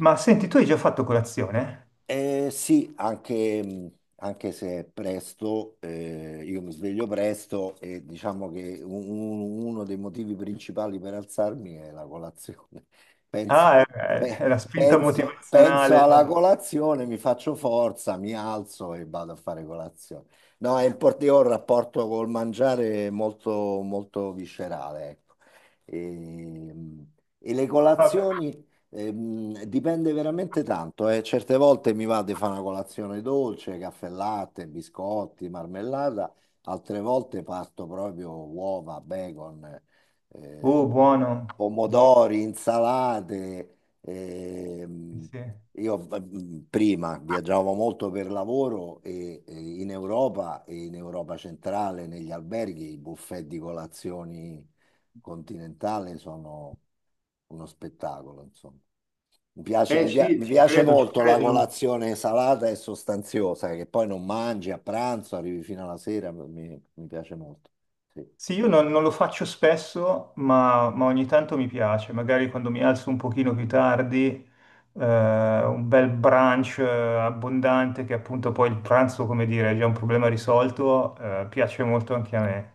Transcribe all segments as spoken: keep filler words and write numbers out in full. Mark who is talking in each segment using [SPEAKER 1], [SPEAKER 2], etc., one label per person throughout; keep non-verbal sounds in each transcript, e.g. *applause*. [SPEAKER 1] Ma senti, tu hai già fatto colazione?
[SPEAKER 2] Eh, sì, anche, anche se è presto, eh, io mi sveglio presto e diciamo che un- un- uno dei motivi principali per alzarmi è la colazione. *laughs* Penso,
[SPEAKER 1] Ah, è, è- è la
[SPEAKER 2] pe-
[SPEAKER 1] spinta
[SPEAKER 2] penso- penso alla
[SPEAKER 1] motivazionale.
[SPEAKER 2] colazione, mi faccio forza, mi alzo e vado a fare colazione. No, è import- io ho un rapporto col mangiare molto, molto viscerale, ecco. E, e le
[SPEAKER 1] Vabbè.
[SPEAKER 2] colazioni. Ehm, dipende veramente tanto, eh. Certe volte mi va di fare una colazione dolce, caffè latte, biscotti, marmellata, altre volte parto proprio uova, bacon, eh,
[SPEAKER 1] Oh, buono, buono,
[SPEAKER 2] pomodori, insalate. ehm,
[SPEAKER 1] sì.
[SPEAKER 2] io eh, prima viaggiavo molto per lavoro e, e in Europa e in Europa centrale, negli alberghi, i buffet di colazioni continentale sono uno spettacolo, insomma. Mi piace,
[SPEAKER 1] Eh
[SPEAKER 2] mi pia-
[SPEAKER 1] sì,
[SPEAKER 2] mi
[SPEAKER 1] ci
[SPEAKER 2] piace
[SPEAKER 1] credo, ci
[SPEAKER 2] molto la
[SPEAKER 1] credo.
[SPEAKER 2] colazione salata e sostanziosa, che poi non mangi a pranzo, arrivi fino alla sera, mi, mi piace molto. Sì.
[SPEAKER 1] Sì, io non, non lo faccio spesso, ma, ma ogni tanto mi piace. Magari quando mi alzo un pochino più tardi, eh, un bel brunch eh, abbondante, che appunto poi il pranzo, come dire, è già un problema risolto, eh, piace molto anche a me.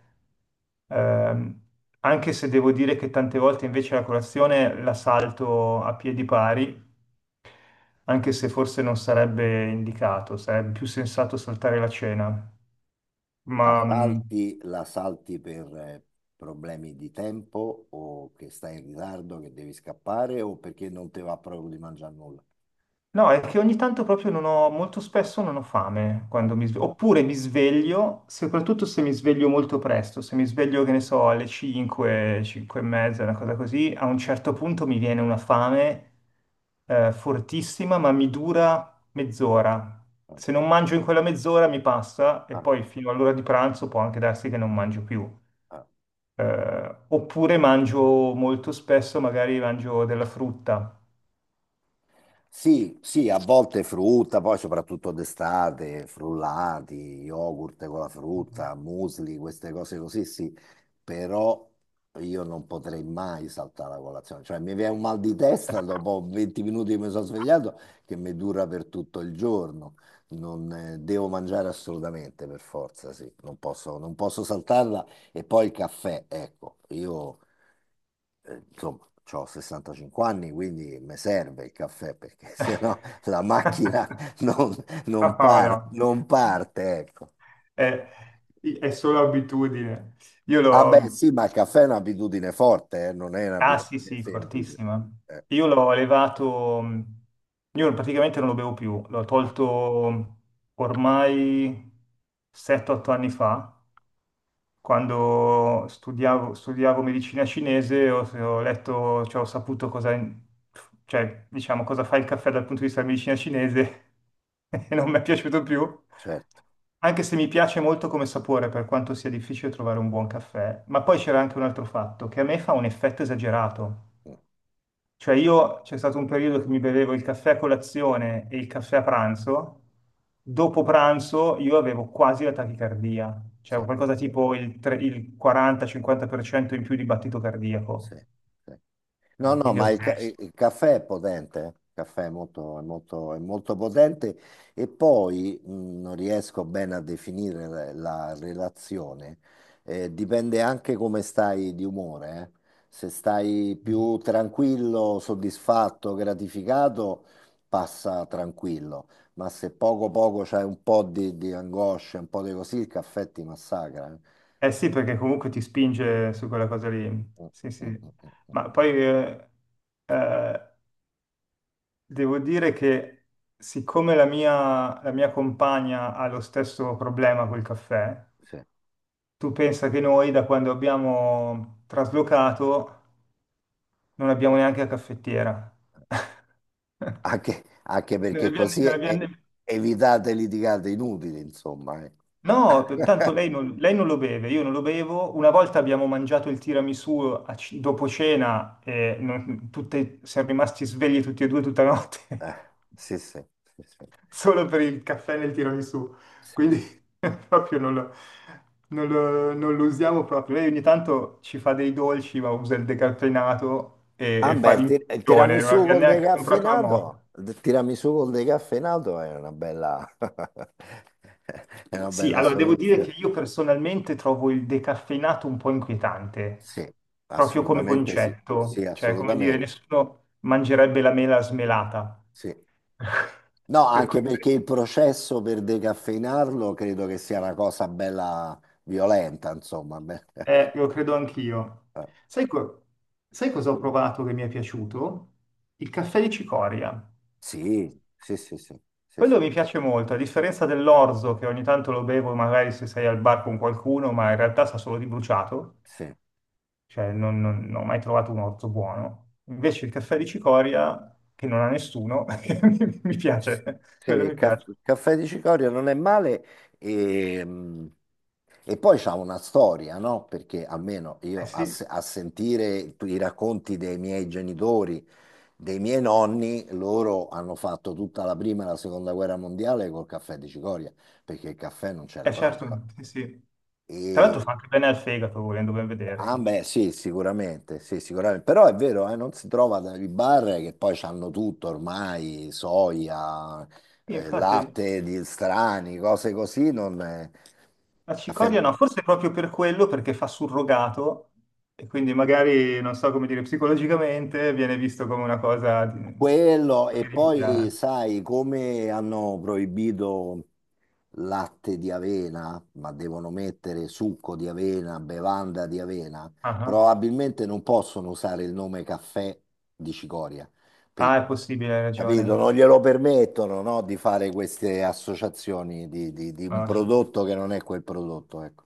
[SPEAKER 1] Ehm, Anche se devo dire che tante volte invece la colazione la salto a piedi pari, anche se forse non sarebbe indicato, sarebbe più sensato saltare la cena. Ma
[SPEAKER 2] La
[SPEAKER 1] mh,
[SPEAKER 2] salti, la salti per eh, problemi di tempo o che stai in ritardo, che devi scappare o perché non ti va proprio di mangiare nulla.
[SPEAKER 1] No, è che ogni tanto proprio non ho, molto spesso non ho fame
[SPEAKER 2] Ah,
[SPEAKER 1] quando mi sveglio, oppure mi sveglio, soprattutto se mi sveglio molto presto, se mi sveglio, che ne so, alle cinque, cinque e mezza, una cosa così, a un certo punto mi viene una fame eh, fortissima, ma mi dura mezz'ora.
[SPEAKER 2] ah,
[SPEAKER 1] Se non mangio in quella mezz'ora mi passa e
[SPEAKER 2] ah,
[SPEAKER 1] poi fino all'ora di pranzo può anche darsi che non mangio più.
[SPEAKER 2] ah.
[SPEAKER 1] Eh, oppure mangio molto spesso, magari mangio della frutta.
[SPEAKER 2] Sì, sì, a volte frutta, poi soprattutto d'estate, frullati, yogurt con la frutta, muesli, queste cose così, sì, però io non potrei mai saltare la colazione, cioè mi viene un mal di testa dopo venti minuti che mi sono svegliato che mi dura per tutto il giorno, non eh, devo mangiare assolutamente per forza, sì, non posso, non posso saltarla e poi il caffè, ecco, io eh, insomma, ho sessantacinque anni, quindi mi serve il caffè perché *laughs* sennò la macchina
[SPEAKER 1] *laughs*
[SPEAKER 2] non, non
[SPEAKER 1] No,
[SPEAKER 2] par-
[SPEAKER 1] no.
[SPEAKER 2] non parte, ecco.
[SPEAKER 1] È, è solo abitudine. Io
[SPEAKER 2] Ah beh,
[SPEAKER 1] l'ho.
[SPEAKER 2] sì, ma il caffè è un'abitudine forte, eh, non è
[SPEAKER 1] Ah sì,
[SPEAKER 2] un'abitudine
[SPEAKER 1] sì,
[SPEAKER 2] semplice.
[SPEAKER 1] fortissima.
[SPEAKER 2] Eh,
[SPEAKER 1] Io l'ho levato. Io praticamente non lo bevo più. L'ho
[SPEAKER 2] ah,
[SPEAKER 1] tolto ormai sette o otto anni fa, quando studiavo, studiavo, medicina cinese ho, ho letto, cioè ho saputo cosa, in- cioè, diciamo, cosa fa il caffè dal punto di vista della medicina cinese *laughs* e non mi è piaciuto più,
[SPEAKER 2] certo,
[SPEAKER 1] anche se mi piace molto come sapore, per quanto sia difficile trovare un buon caffè. Ma poi c'era anche un altro fatto, che a me fa un effetto esagerato. Cioè io c'è stato un periodo che mi bevevo il caffè a colazione e il caffè a pranzo, dopo pranzo io avevo quasi la tachicardia,
[SPEAKER 2] sì,
[SPEAKER 1] cioè qualcosa tipo il, tre- il quaranta-cinquanta per cento in più di battito cardiaco.
[SPEAKER 2] sì, sì. No,
[SPEAKER 1] Eh,
[SPEAKER 2] no,
[SPEAKER 1] quindi ho
[SPEAKER 2] ma il, ca-
[SPEAKER 1] smesso.
[SPEAKER 2] il caffè è potente, eh. Il caffè è molto, è molto, è molto potente e poi mh, non riesco bene a definire la, la relazione. Eh, dipende anche come stai di umore, eh. Se stai più tranquillo, soddisfatto, gratificato, passa tranquillo, ma se poco poco c'hai un po' di, di angoscia, un po' di così, il caffè ti massacra. Eh.
[SPEAKER 1] Eh sì, perché comunque ti spinge su quella cosa lì,
[SPEAKER 2] Mm,
[SPEAKER 1] sì sì,
[SPEAKER 2] mm, mm, mm, mm.
[SPEAKER 1] ma poi eh, eh, devo dire che siccome la mia, la mia compagna ha lo stesso problema col caffè.
[SPEAKER 2] Sì.
[SPEAKER 1] Tu pensa che noi da quando abbiamo traslocato non abbiamo neanche la caffettiera. *laughs*
[SPEAKER 2] Anche, anche
[SPEAKER 1] Non
[SPEAKER 2] perché
[SPEAKER 1] abbiamo-
[SPEAKER 2] così
[SPEAKER 1] non
[SPEAKER 2] e-
[SPEAKER 1] abbiamo-
[SPEAKER 2] evitate litigate inutili, insomma. Eh.
[SPEAKER 1] No, tanto lei non, lei non lo beve, io non lo bevo. Una volta abbiamo mangiato il tiramisù a c- dopo cena e non- tutte- siamo rimasti svegli tutti e due tutta la notte.
[SPEAKER 2] Eh,
[SPEAKER 1] *laughs*
[SPEAKER 2] sì, sì, sì, sì,
[SPEAKER 1] Solo per il caffè nel tiramisù,
[SPEAKER 2] sì, sì.
[SPEAKER 1] quindi *laughs* proprio non lo, non lo- non lo usiamo proprio. Lei ogni tanto ci fa dei dolci, ma usa il decaffeinato e,
[SPEAKER 2] Ah,
[SPEAKER 1] e
[SPEAKER 2] beh,
[SPEAKER 1] fa
[SPEAKER 2] il, ti- il
[SPEAKER 1] l'infusione, non
[SPEAKER 2] tiramisù
[SPEAKER 1] abbiamo
[SPEAKER 2] col
[SPEAKER 1] neanche comprato la moto.
[SPEAKER 2] decaffeinato, il tiramisù col decaffeinato è una bella, *laughs* è una
[SPEAKER 1] Sì,
[SPEAKER 2] bella
[SPEAKER 1] allora devo dire che
[SPEAKER 2] soluzione.
[SPEAKER 1] io personalmente trovo il decaffeinato un po' inquietante,
[SPEAKER 2] Sì,
[SPEAKER 1] proprio come
[SPEAKER 2] assolutamente sì. Sì,
[SPEAKER 1] concetto, cioè come dire,
[SPEAKER 2] assolutamente.
[SPEAKER 1] nessuno mangerebbe la mela smelata.
[SPEAKER 2] Sì. No,
[SPEAKER 1] *laughs* Per
[SPEAKER 2] anche
[SPEAKER 1] cui
[SPEAKER 2] perché il processo per decaffeinarlo credo che sia una cosa bella violenta, insomma. Beh.
[SPEAKER 1] Eh, lo credo anch'io.
[SPEAKER 2] *laughs*
[SPEAKER 1] Sai, co- sai cosa ho provato che mi è piaciuto? Il caffè di cicoria.
[SPEAKER 2] Sì, sì, sì, sì, sì, sì,
[SPEAKER 1] Quello mi piace molto, a differenza dell'orzo che ogni tanto lo bevo magari se sei al bar con qualcuno, ma in realtà sa solo di bruciato,
[SPEAKER 2] sì.
[SPEAKER 1] cioè non, non- non ho mai trovato un orzo buono. Invece il caffè di cicoria, che non ha nessuno, *laughs* mi, mi piace, quello
[SPEAKER 2] Sì,
[SPEAKER 1] mi
[SPEAKER 2] ca-
[SPEAKER 1] piace.
[SPEAKER 2] caffè di cicoria non è male e, mm, e poi c'ha una storia, no? Perché almeno
[SPEAKER 1] Eh
[SPEAKER 2] io a,
[SPEAKER 1] sì,
[SPEAKER 2] se- a sentire i racconti dei miei genitori, dei miei nonni, loro hanno fatto tutta la prima e la seconda guerra mondiale col caffè di cicoria, perché il caffè non c'era
[SPEAKER 1] eh
[SPEAKER 2] proprio.
[SPEAKER 1] certo, sì, sì. Tra l'altro fa anche bene al fegato, volendo ben vedere.
[SPEAKER 2] Ah, beh, sì, sicuramente, sì, sicuramente. Però è vero, eh, non si trova dai bar che poi hanno tutto ormai, soia, eh,
[SPEAKER 1] Infatti.
[SPEAKER 2] latte di strani, cose così, non è-
[SPEAKER 1] La
[SPEAKER 2] caffè
[SPEAKER 1] cicoria no,
[SPEAKER 2] di-
[SPEAKER 1] forse proprio per quello, perché fa surrogato e quindi magari, non so come dire, psicologicamente viene visto come una cosa di...
[SPEAKER 2] Quello, e
[SPEAKER 1] come
[SPEAKER 2] poi
[SPEAKER 1] rimpiazzo.
[SPEAKER 2] sai come hanno proibito latte di avena, ma devono mettere succo di avena, bevanda di avena,
[SPEAKER 1] Ah, ah.
[SPEAKER 2] probabilmente non possono usare il nome caffè di cicoria
[SPEAKER 1] Ah, è
[SPEAKER 2] perché.
[SPEAKER 1] possibile, hai
[SPEAKER 2] Capito?
[SPEAKER 1] ragione.
[SPEAKER 2] Non glielo permettono, no, di fare queste associazioni di, di- di un
[SPEAKER 1] Ah, sì.
[SPEAKER 2] prodotto che non è quel prodotto, ecco.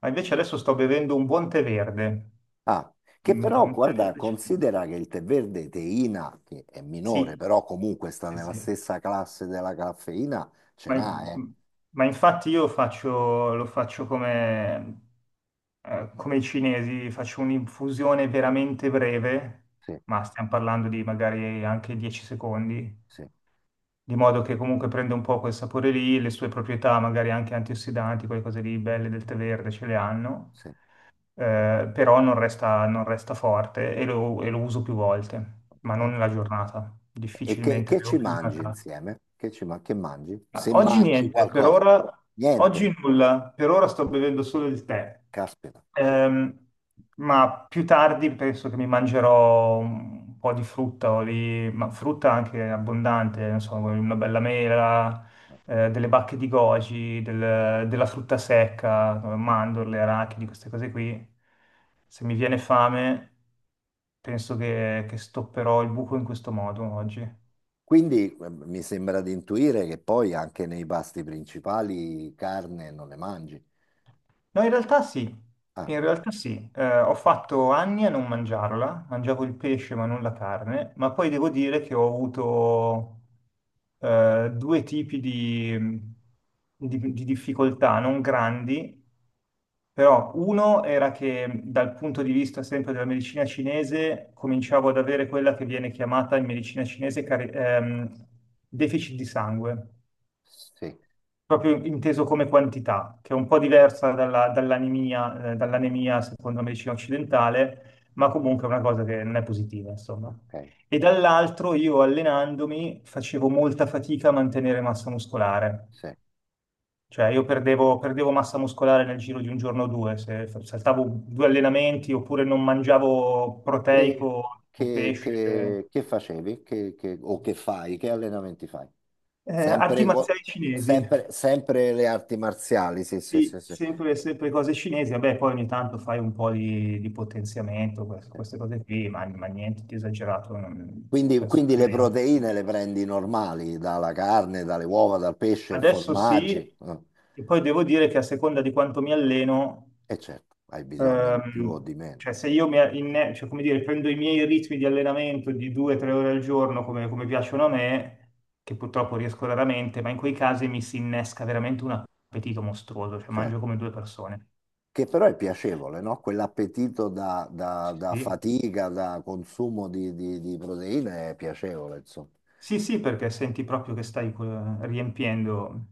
[SPEAKER 1] Ma invece adesso sto bevendo un buon tè verde.
[SPEAKER 2] Ah, che
[SPEAKER 1] Un tè
[SPEAKER 2] però,
[SPEAKER 1] un tè
[SPEAKER 2] guarda,
[SPEAKER 1] verde. ci-
[SPEAKER 2] considera che il tè verde teina, che è minore,
[SPEAKER 1] Sì,
[SPEAKER 2] però comunque sta
[SPEAKER 1] sì,
[SPEAKER 2] nella
[SPEAKER 1] sì.
[SPEAKER 2] stessa classe della caffeina, ce
[SPEAKER 1] Ma,
[SPEAKER 2] n'ha, eh?
[SPEAKER 1] in- ma infatti io faccio, lo faccio come, eh, come i cinesi, faccio un'infusione veramente breve,
[SPEAKER 2] Sì,
[SPEAKER 1] ma stiamo parlando di magari anche dieci secondi,
[SPEAKER 2] sì,
[SPEAKER 1] di modo che comunque prende un po' quel sapore lì, le sue proprietà, magari anche antiossidanti, quelle cose lì belle del tè verde ce le hanno,
[SPEAKER 2] sì.
[SPEAKER 1] eh, però non resta, non resta forte e lo, e lo uso più volte, ma non
[SPEAKER 2] Ok.
[SPEAKER 1] nella giornata,
[SPEAKER 2] E che,
[SPEAKER 1] difficilmente
[SPEAKER 2] che
[SPEAKER 1] bevo
[SPEAKER 2] ci
[SPEAKER 1] più di una
[SPEAKER 2] mangi
[SPEAKER 1] tazza.
[SPEAKER 2] insieme? Che, ci ma- che mangi?
[SPEAKER 1] Ma
[SPEAKER 2] Se
[SPEAKER 1] oggi
[SPEAKER 2] mangi
[SPEAKER 1] niente, per
[SPEAKER 2] qualcosa?
[SPEAKER 1] ora,
[SPEAKER 2] Niente?
[SPEAKER 1] oggi nulla, per ora sto bevendo solo il tè.
[SPEAKER 2] Caspita.
[SPEAKER 1] Ehm, ma più tardi penso che mi mangerò un po' di frutta, o lì, ma frutta anche abbondante, non so, una bella mela,
[SPEAKER 2] Ok.
[SPEAKER 1] eh, delle bacche di goji, del- della frutta secca, mandorle, arachidi, queste cose qui. Se mi viene fame, penso che, che stopperò il buco in questo modo oggi.
[SPEAKER 2] Quindi eh, mi sembra di intuire che poi anche nei pasti principali carne non le mangi.
[SPEAKER 1] No, in realtà sì,
[SPEAKER 2] Ah,
[SPEAKER 1] in realtà sì. Eh, ho fatto anni a non mangiarla, mangiavo il pesce ma non la carne, ma poi devo dire che ho avuto eh, due tipi di, di- di difficoltà, non grandi, però uno era che dal punto di vista sempre della medicina cinese cominciavo ad avere quella che viene chiamata in medicina cinese cari- ehm, deficit di sangue
[SPEAKER 2] sì,
[SPEAKER 1] proprio inteso come quantità, che è un po' diversa dalla- dall'anemia, eh, dall'anemia secondo la medicina occidentale, ma comunque è una cosa che non è positiva, insomma.
[SPEAKER 2] ok,
[SPEAKER 1] E dall'altro io allenandomi facevo molta fatica a mantenere massa muscolare,
[SPEAKER 2] sì.
[SPEAKER 1] cioè io perdevo, perdevo massa muscolare nel giro di un giorno o due, se f- saltavo due allenamenti oppure non mangiavo
[SPEAKER 2] Che,
[SPEAKER 1] proteico o
[SPEAKER 2] che-
[SPEAKER 1] pesce.
[SPEAKER 2] che- che facevi? Che- che- o che fai? Che allenamenti fai?
[SPEAKER 1] Eh, arti
[SPEAKER 2] Sempre, co-
[SPEAKER 1] marziali cinesi.
[SPEAKER 2] sempre- sempre le arti marziali, sì, sì, sì,
[SPEAKER 1] Sì,
[SPEAKER 2] sì.
[SPEAKER 1] sempre, sempre cose cinesi, vabbè, poi ogni tanto fai un po' di, di potenziamento, queste, queste cose qui, ma, ma niente di esagerato, non-
[SPEAKER 2] Quindi, quindi le
[SPEAKER 1] personalmente.
[SPEAKER 2] proteine le prendi normali, dalla carne, dalle uova, dal pesce,
[SPEAKER 1] Adesso
[SPEAKER 2] formaggi.
[SPEAKER 1] sì,
[SPEAKER 2] Eh.
[SPEAKER 1] e poi devo dire che a seconda di quanto mi alleno,
[SPEAKER 2] E certo, hai bisogno di più o
[SPEAKER 1] ehm,
[SPEAKER 2] di meno.
[SPEAKER 1] cioè se io mi inne- cioè, come dire, prendo i miei ritmi di allenamento di due o tre ore al giorno, come, come piacciono a me, che purtroppo riesco raramente, ma in quei casi mi si innesca veramente un appetito mostruoso, cioè
[SPEAKER 2] Certo.
[SPEAKER 1] mangio come due persone.
[SPEAKER 2] Che però è piacevole, no? Quell'appetito da, da- da
[SPEAKER 1] Sì, sì.
[SPEAKER 2] fatica, da consumo di, di- di proteine è piacevole, insomma.
[SPEAKER 1] Sì, sì, perché senti proprio che stai eh, riempiendo,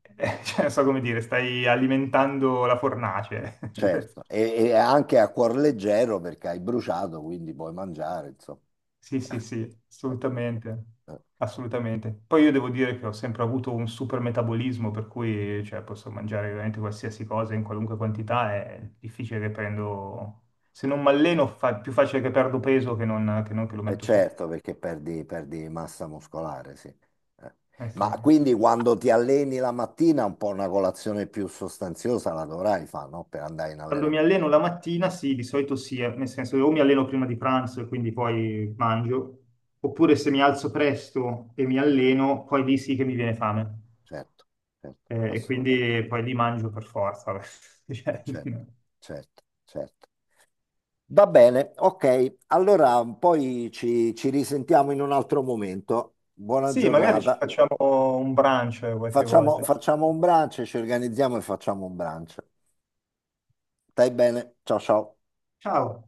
[SPEAKER 1] *laughs* eh, cioè, non so come dire, stai alimentando la fornace.
[SPEAKER 2] Certo,
[SPEAKER 1] *laughs*
[SPEAKER 2] e, e anche a cuor leggero perché hai bruciato, quindi puoi mangiare, insomma.
[SPEAKER 1] Sì, sì, sì,
[SPEAKER 2] *laughs*
[SPEAKER 1] assolutamente, assolutamente. Poi io devo dire che ho sempre avuto un super metabolismo, per cui cioè, posso mangiare veramente qualsiasi cosa in qualunque quantità, è difficile che prendo. Se non mi alleno, fa- più facile che perdo peso che non che non che lo
[SPEAKER 2] E
[SPEAKER 1] metto su.
[SPEAKER 2] certo, perché perdi, perdi massa muscolare, sì. Eh.
[SPEAKER 1] Eh sì.
[SPEAKER 2] Ma
[SPEAKER 1] Eh sì.
[SPEAKER 2] quindi quando ti alleni la mattina, un po' una colazione più sostanziosa la dovrai fare, no? Per andare in
[SPEAKER 1] Quando mi
[SPEAKER 2] allenamento.
[SPEAKER 1] alleno la mattina, sì, di solito sì, eh, nel senso o mi alleno prima di pranzo e quindi poi mangio, oppure se mi alzo presto e mi alleno, poi lì sì che mi viene fame.
[SPEAKER 2] Certo, certo,
[SPEAKER 1] Eh, e
[SPEAKER 2] assolutamente.
[SPEAKER 1] quindi poi lì mangio per forza. *laughs* Beh.
[SPEAKER 2] Eh,
[SPEAKER 1] Cioè.
[SPEAKER 2] certo, certo, certo. Va bene, ok. Allora poi ci, ci risentiamo in un altro momento. Buona
[SPEAKER 1] Sì, magari ci
[SPEAKER 2] giornata.
[SPEAKER 1] facciamo un brunch qualche
[SPEAKER 2] Facciamo,
[SPEAKER 1] volta.
[SPEAKER 2] facciamo un brunch, ci organizziamo e facciamo un brunch. Stai bene? Ciao ciao.
[SPEAKER 1] Ciao.